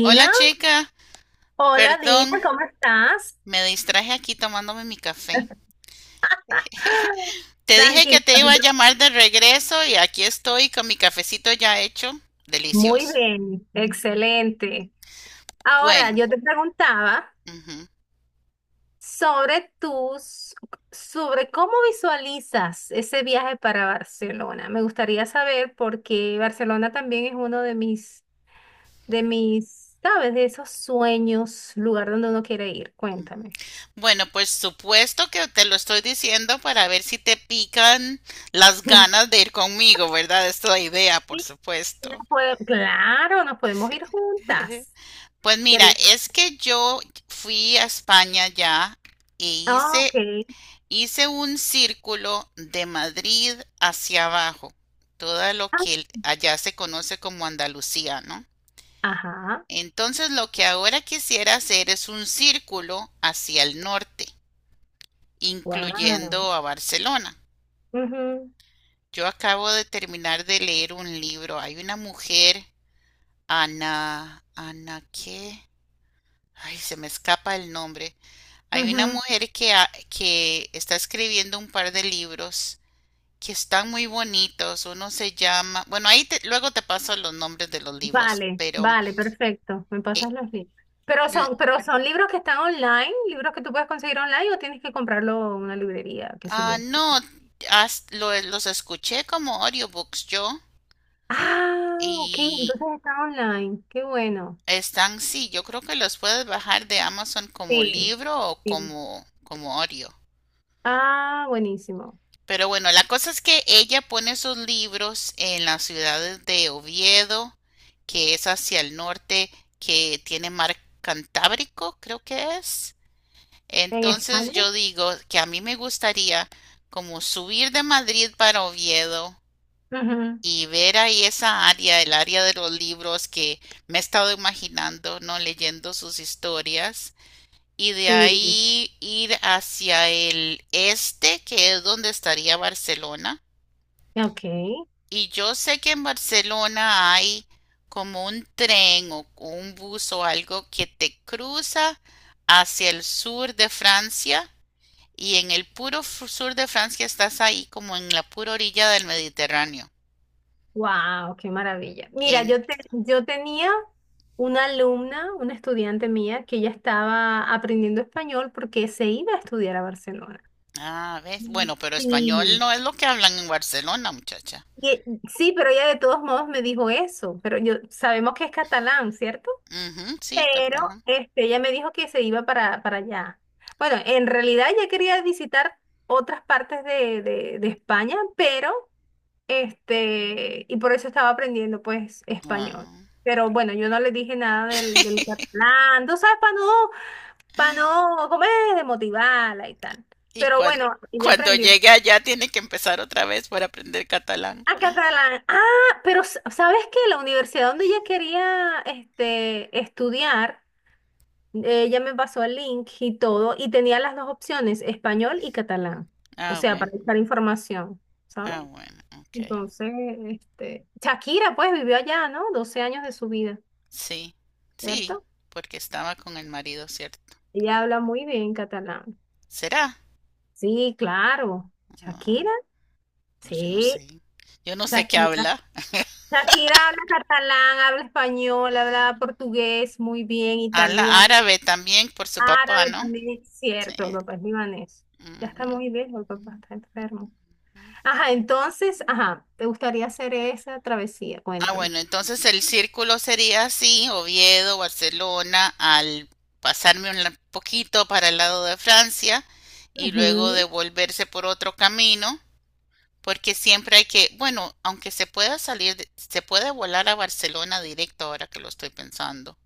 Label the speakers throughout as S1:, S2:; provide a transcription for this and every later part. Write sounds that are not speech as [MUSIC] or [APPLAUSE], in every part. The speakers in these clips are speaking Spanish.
S1: Hola chica,
S2: hola Dina,
S1: perdón,
S2: ¿cómo estás?
S1: me distraje aquí tomándome mi café.
S2: [LAUGHS]
S1: Te dije que
S2: Tranquila,
S1: te iba a llamar de regreso y aquí estoy con mi cafecito ya hecho.
S2: muy
S1: Delicioso.
S2: bien, excelente. Ahora,
S1: Bueno,
S2: yo te preguntaba
S1: ujú.
S2: sobre tus, sobre cómo visualizas ese viaje para Barcelona. Me gustaría saber porque Barcelona también es uno de mis, ¿sabes? De esos sueños, lugar donde uno quiere ir. Cuéntame.
S1: Bueno, pues supuesto que te lo estoy diciendo para ver si te pican las ganas
S2: [LAUGHS]
S1: de ir conmigo, ¿verdad? Esta es la idea, por
S2: Sí,
S1: supuesto.
S2: claro, nos podemos ir juntas.
S1: Pues mira,
S2: Sería.
S1: es que yo fui a España ya e
S2: Ah, ok.
S1: hice hice un círculo de Madrid hacia abajo, todo lo
S2: Ah,
S1: que allá se conoce como Andalucía, ¿no?
S2: ajá.
S1: Entonces lo que ahora quisiera hacer es un círculo hacia el norte,
S2: Wow.
S1: incluyendo a Barcelona.
S2: Ujú,
S1: Yo acabo de terminar de leer un libro. Hay una mujer, Ana, Ana, ¿qué? Ay, se me escapa el nombre. Hay una
S2: ujú.
S1: mujer que, que está escribiendo un par de libros que están muy bonitos. Uno se llama, bueno, luego te paso los nombres de los libros,
S2: Vale,
S1: pero
S2: vale, perfecto. Me
S1: eh,
S2: pasas los libros. Pero
S1: l-
S2: son, pero son libros que están online, libros que tú puedes conseguir online o tienes que comprarlo en una librería, qué sé
S1: ah,
S2: yo.
S1: no, los escuché como audiobooks yo
S2: Ah, ok,
S1: y
S2: entonces está online. Qué bueno.
S1: están, sí, yo creo que los puedes bajar de Amazon como
S2: Sí,
S1: libro o
S2: sí.
S1: como, como audio.
S2: Ah, buenísimo.
S1: Pero bueno, la cosa es que ella pone sus libros en las ciudades de Oviedo, que es hacia el norte, que tiene mar Cantábrico, creo que es.
S2: ¿En
S1: Entonces
S2: España?
S1: yo digo que a mí me gustaría como subir de Madrid para Oviedo
S2: Ujú.
S1: y ver ahí esa área, el área de los libros que me he estado imaginando, ¿no? Leyendo sus historias. Y de
S2: Sí.
S1: ahí ir hacia el este, que es donde estaría Barcelona.
S2: Ok.
S1: Y yo sé que en Barcelona hay como un tren o un bus o algo que te cruza hacia el sur de Francia. Y en el puro sur de Francia estás ahí como en la pura orilla del Mediterráneo.
S2: Wow, qué maravilla. Mira,
S1: En,
S2: yo tenía una alumna, una estudiante mía, que ya estaba aprendiendo español porque se iba a estudiar a Barcelona.
S1: ah, ¿ves?
S2: Mm.
S1: Bueno, pero español
S2: Sí,
S1: no es lo que hablan en Barcelona, muchacha.
S2: y- sí, pero ella de todos modos me dijo eso. Pero yo sabemos que es catalán, ¿cierto?
S1: Ujú, sí,
S2: Pero
S1: catalán.
S2: este, ella me dijo que se iba para allá. Bueno, en realidad ella quería visitar otras partes de España, pero este, y por eso estaba aprendiendo pues español.
S1: Ah.
S2: Pero bueno, yo no le dije nada del
S1: [LAUGHS]
S2: catalán, tú sabes, para no, como es motivarla y tal.
S1: Y
S2: Pero bueno, ella
S1: cuando
S2: aprendió.
S1: llegue allá tiene que empezar otra vez por aprender catalán.
S2: Ah, catalán. Ah, pero ¿sabes qué? La universidad donde ella quería este, estudiar, ella me pasó el link y todo, y tenía las dos opciones, español y catalán. O
S1: Ah,
S2: sea,
S1: bueno,
S2: para buscar información, ¿sabes?
S1: ah, bueno, ok.
S2: Entonces, este, Shakira pues vivió allá, ¿no? 12 años de su vida,
S1: Sí, sí,
S2: ¿cierto?
S1: porque estaba con el marido, ¿cierto?
S2: Ella habla muy bien catalán.
S1: ¿Será?
S2: Sí, claro.
S1: Ah,
S2: Shakira,
S1: pues yo no
S2: sí,
S1: sé. Yo no sé qué
S2: Shakira.
S1: habla. [LAUGHS]
S2: Shakira habla catalán, habla español, habla portugués muy bien,
S1: Habla
S2: italiano,
S1: árabe también por su papá,
S2: árabe
S1: ¿no?
S2: también, es
S1: Sí.
S2: cierto, el papá es libanés. Ya está
S1: Ujú,
S2: muy viejo, el papá está enfermo.
S1: ujú.
S2: Ajá, entonces, ajá, ¿te gustaría hacer esa travesía?
S1: Ah,
S2: Cuéntame.
S1: bueno, entonces el círculo sería así, Oviedo, Barcelona, al poquito para el lado de Francia y luego
S2: Ujú.
S1: devolverse por otro camino, porque siempre hay que, bueno, aunque se pueda salir, se puede volar a Barcelona directo ahora que lo estoy pensando.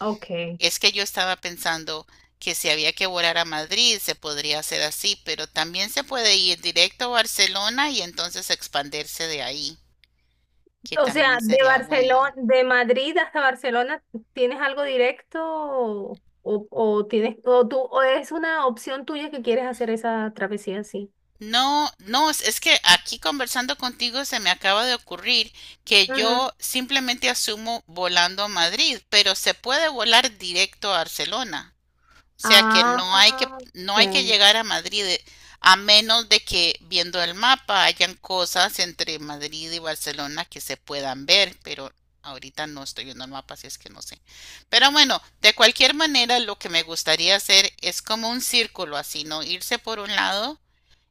S2: Ok.
S1: Es que yo estaba pensando que si había que volar a Madrid se podría hacer así, pero también se puede ir directo a Barcelona y entonces expandirse de ahí, que
S2: O sea,
S1: también
S2: de
S1: sería bueno.
S2: Barcelona, de Madrid hasta Barcelona, ¿tienes algo directo o tienes o tú o es una opción tuya que quieres hacer esa travesía así?
S1: No, no, es que aquí conversando contigo se me acaba de ocurrir que
S2: Ujú.
S1: yo simplemente asumo volando a Madrid, pero se puede volar directo a Barcelona. O sea que
S2: Ah,
S1: no hay que, no hay que
S2: ok.
S1: llegar a Madrid, a menos de que viendo el mapa hayan cosas entre Madrid y Barcelona que se puedan ver, pero ahorita no estoy viendo el mapa, así es que no sé. Pero bueno, de cualquier manera, lo que me gustaría hacer es como un círculo así, ¿no? Irse por un lado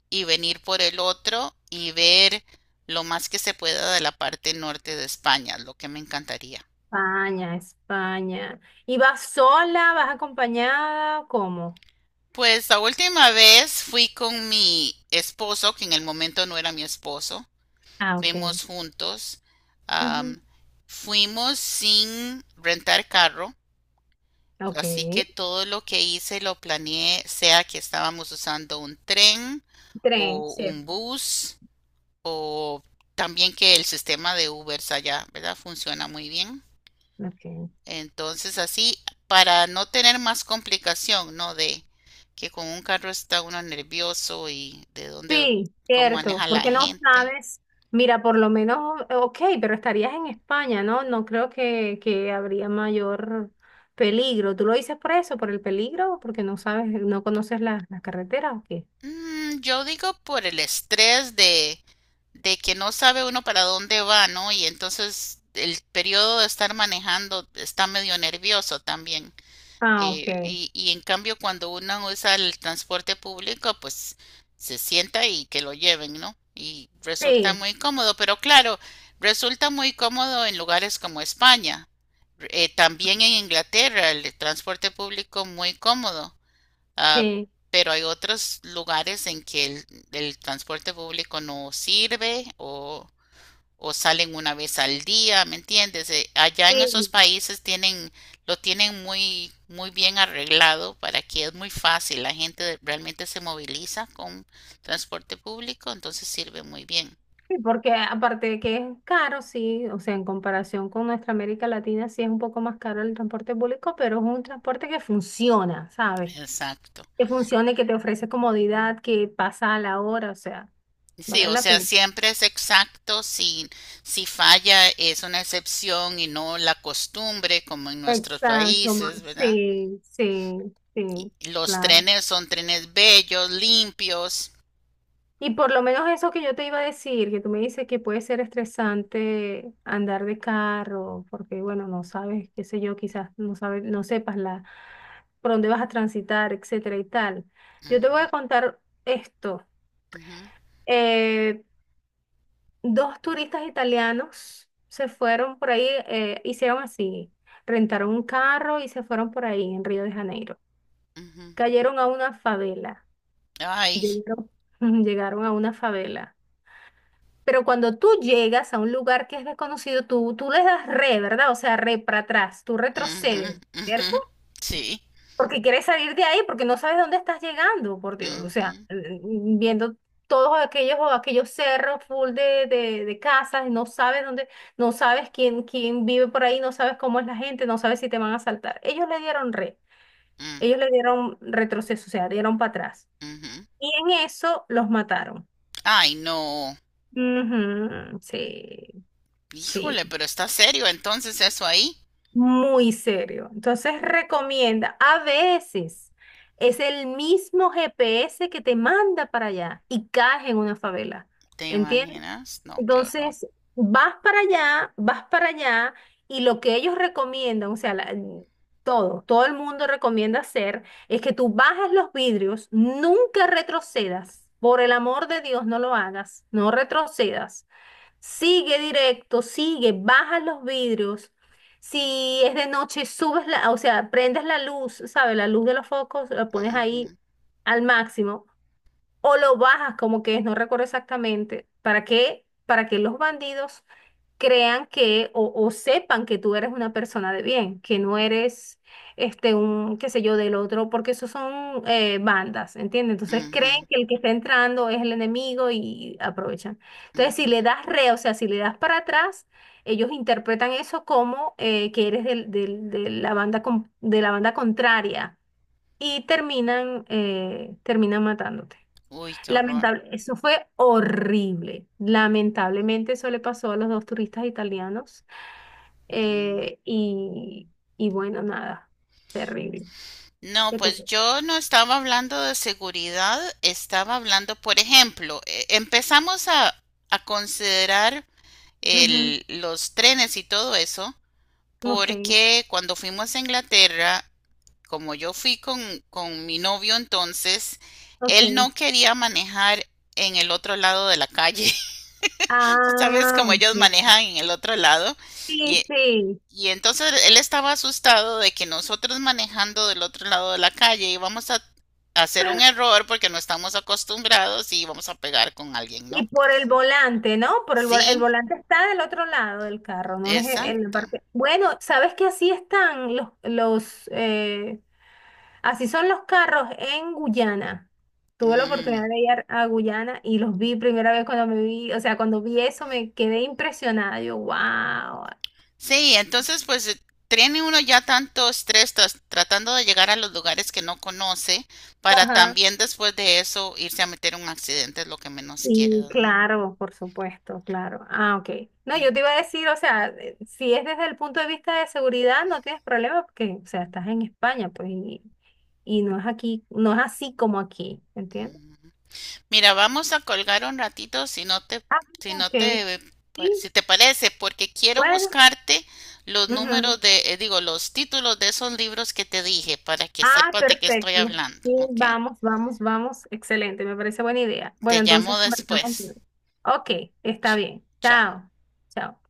S1: y venir por el otro y ver lo más que se pueda de la parte norte de España, lo que me encantaría.
S2: España, España. ¿Y vas sola, vas acompañada? ¿Cómo?
S1: Pues la última vez fui con mi esposo, que en el momento no era mi esposo.
S2: Ah, ok.
S1: Fuimos juntos.
S2: Ujú.
S1: Am, fuimos sin rentar carro,
S2: Ok.
S1: así que todo lo que hice lo planeé, sea que estábamos usando un tren
S2: Tren,
S1: o un
S2: cierto.
S1: bus o también que el sistema de Ubers allá, ¿verdad? Funciona muy bien.
S2: Ok.
S1: Entonces así, para no tener más complicación, ¿no? De que con un carro está uno nervioso y de dónde,
S2: Sí,
S1: cómo
S2: cierto,
S1: maneja la
S2: porque no
S1: gente.
S2: sabes, mira, por lo menos, ok, pero estarías en España, ¿no? No creo que habría mayor peligro. ¿Tú lo dices por eso, por el peligro, o porque no sabes, no conoces la, la carretera o qué?
S1: Mm, yo digo por el estrés de que no sabe uno para dónde va, ¿no? Y entonces el periodo de estar manejando está medio nervioso también.
S2: Ah, ok.
S1: Y en cambio, cuando uno usa el transporte público, pues se sienta y que lo lleven, ¿no? Y resulta
S2: Sí,
S1: muy cómodo, pero claro, resulta muy cómodo en lugares como España. También en Inglaterra el transporte público muy cómodo, ah,
S2: sí,
S1: pero hay otros lugares en que el transporte público no sirve o salen una vez al día, ¿me entiendes? Allá en
S2: sí,
S1: esos países tienen, lo tienen muy, muy bien arreglado para que es muy fácil. La gente realmente se moviliza con transporte público, entonces sirve muy bien.
S2: sí, porque aparte de que es caro, sí, o sea, en comparación con nuestra América Latina, sí es un poco más caro el transporte público, pero es un transporte que funciona, ¿sabes?
S1: Exacto.
S2: Que funcione, que te ofrece comodidad, que pasa a la hora, o sea,
S1: Sí,
S2: vale
S1: o
S2: la
S1: sea,
S2: pena.
S1: siempre es exacto. Si, si falla es una excepción y no la costumbre como en nuestros
S2: Exacto,
S1: países, ¿verdad?
S2: sí, sí, sí,
S1: Los
S2: claro.
S1: trenes son trenes bellos, limpios.
S2: Y por lo menos eso que yo te iba a decir, que tú me dices que puede ser estresante andar de carro, porque bueno, no sabes, qué sé yo, quizás no sabes, no sepas la, por dónde vas a transitar, etcétera y tal. Yo te voy
S1: Ujú,
S2: a contar esto.
S1: ujú,
S2: Eh, dos turistas italianos se fueron por ahí, hicieron así, rentaron un carro y se fueron por ahí en Río de Janeiro.
S1: ujú.
S2: Cayeron a una favela,
S1: Ay.
S2: llegaron, [LAUGHS] llegaron a una favela. Pero cuando tú llegas a un lugar que es desconocido, tú les das re, ¿verdad? O sea, re para atrás, tú
S1: Ujú,
S2: retrocedes, ¿cierto?
S1: ujú. Sí.
S2: Porque quieres salir de ahí, porque no sabes dónde estás llegando, por Dios. O sea,
S1: Ujú,
S2: viendo todos aquellos cerros full de casas, no sabes dónde, no sabes quién vive por ahí, no sabes cómo es la gente, no sabes si te van a asaltar. Ellos le dieron re,
S1: mm,
S2: ellos le dieron retroceso, o sea, dieron para atrás.
S1: ujú.
S2: Y en eso los mataron.
S1: Ay, no.
S2: Ujú, sí, sí.
S1: Híjole, pero está serio entonces eso ahí.
S2: Muy serio. Entonces recomienda, a veces es el mismo GPS que te manda para allá y caes en una favela,
S1: ¿Te
S2: ¿entiendes?
S1: imaginas? No, qué horror.
S2: Entonces vas para allá y lo que ellos recomiendan, o sea, todo, todo el mundo recomienda hacer es que tú bajes los vidrios, nunca retrocedas. Por el amor de Dios, no lo hagas, no retrocedas. Sigue directo, sigue, baja los vidrios. Si es de noche, subes la, o sea, prendes la luz, ¿sabes? La luz de los focos, la pones
S1: Ujú,
S2: ahí al máximo o lo bajas como que es, no recuerdo exactamente. ¿Para qué? Para que los bandidos crean que o sepan que tú eres una persona de bien, que no eres este un, qué sé yo, del otro, porque esos son bandas, ¿entiendes? Entonces creen
S1: ujú,
S2: que el que está entrando es el enemigo y aprovechan. Entonces, si
S1: ujú.
S2: le das re, o sea, si le das para atrás, ellos interpretan eso como que eres de la de la banda contraria y terminan, terminan matándote.
S1: Uy, qué horror.
S2: Lamentable, eso fue horrible. Lamentablemente eso le pasó a los dos turistas italianos. Eh, y, y bueno, nada, terrible.
S1: No,
S2: ¿Qué
S1: pues
S2: te...
S1: yo no estaba hablando de seguridad, estaba hablando, por ejemplo, empezamos a considerar
S2: Ujú,
S1: los trenes y todo eso,
S2: ok,
S1: porque cuando fuimos a Inglaterra como yo fui con mi novio entonces, él
S2: ok.
S1: no quería manejar en el otro lado de la calle. [LAUGHS] Tú sabes
S2: Ah,
S1: como ellos
S2: ok.
S1: manejan en el otro lado.
S2: Sí,
S1: Y,
S2: sí.
S1: y entonces él estaba asustado de que nosotros manejando del otro lado de la calle íbamos a hacer un error porque no estamos acostumbrados y íbamos a pegar con alguien, ¿no?
S2: Y por el volante, ¿no? Por el
S1: Sí,
S2: volante está del otro lado del carro, no es en la
S1: exacto.
S2: parte. Bueno, ¿sabes que así están los así son los carros en Guyana. Tuve la oportunidad
S1: Mm.
S2: de ir a Guyana y los vi primera vez cuando me vi, o sea, cuando vi eso me quedé impresionada. Yo, wow.
S1: Sí, entonces pues tiene uno ya tanto estrés tratando de llegar a los lugares que no conoce para
S2: Ajá.
S1: también después de eso irse a meter en un accidente es lo que menos quiere,
S2: Y
S1: ¿no?
S2: claro, por supuesto, claro. Ah, ok. No, yo
S1: Mm,
S2: te iba a decir, o sea, si es desde el punto de vista de seguridad, no tienes problema porque, o sea, estás en España, pues, y no es aquí, no es así como aquí, ¿entiendes?
S1: mm. Mira, vamos a colgar un ratito si no te,
S2: Ah,
S1: si no
S2: ok.
S1: te, eh,
S2: Sí,
S1: si te parece, porque quiero
S2: bueno.
S1: buscarte los
S2: Ujú.
S1: números de, digo, los títulos de esos libros que te dije para que
S2: Ah,
S1: sepas de qué estoy
S2: perfecto.
S1: hablando,
S2: Sí,
S1: ¿ok?
S2: vamos, vamos, vamos. Excelente, me parece buena idea.
S1: Te
S2: Bueno,
S1: llamo
S2: entonces conversamos
S1: después.
S2: luego. Ok, está
S1: Ch-
S2: bien.
S1: Chao.
S2: Chao. Chao.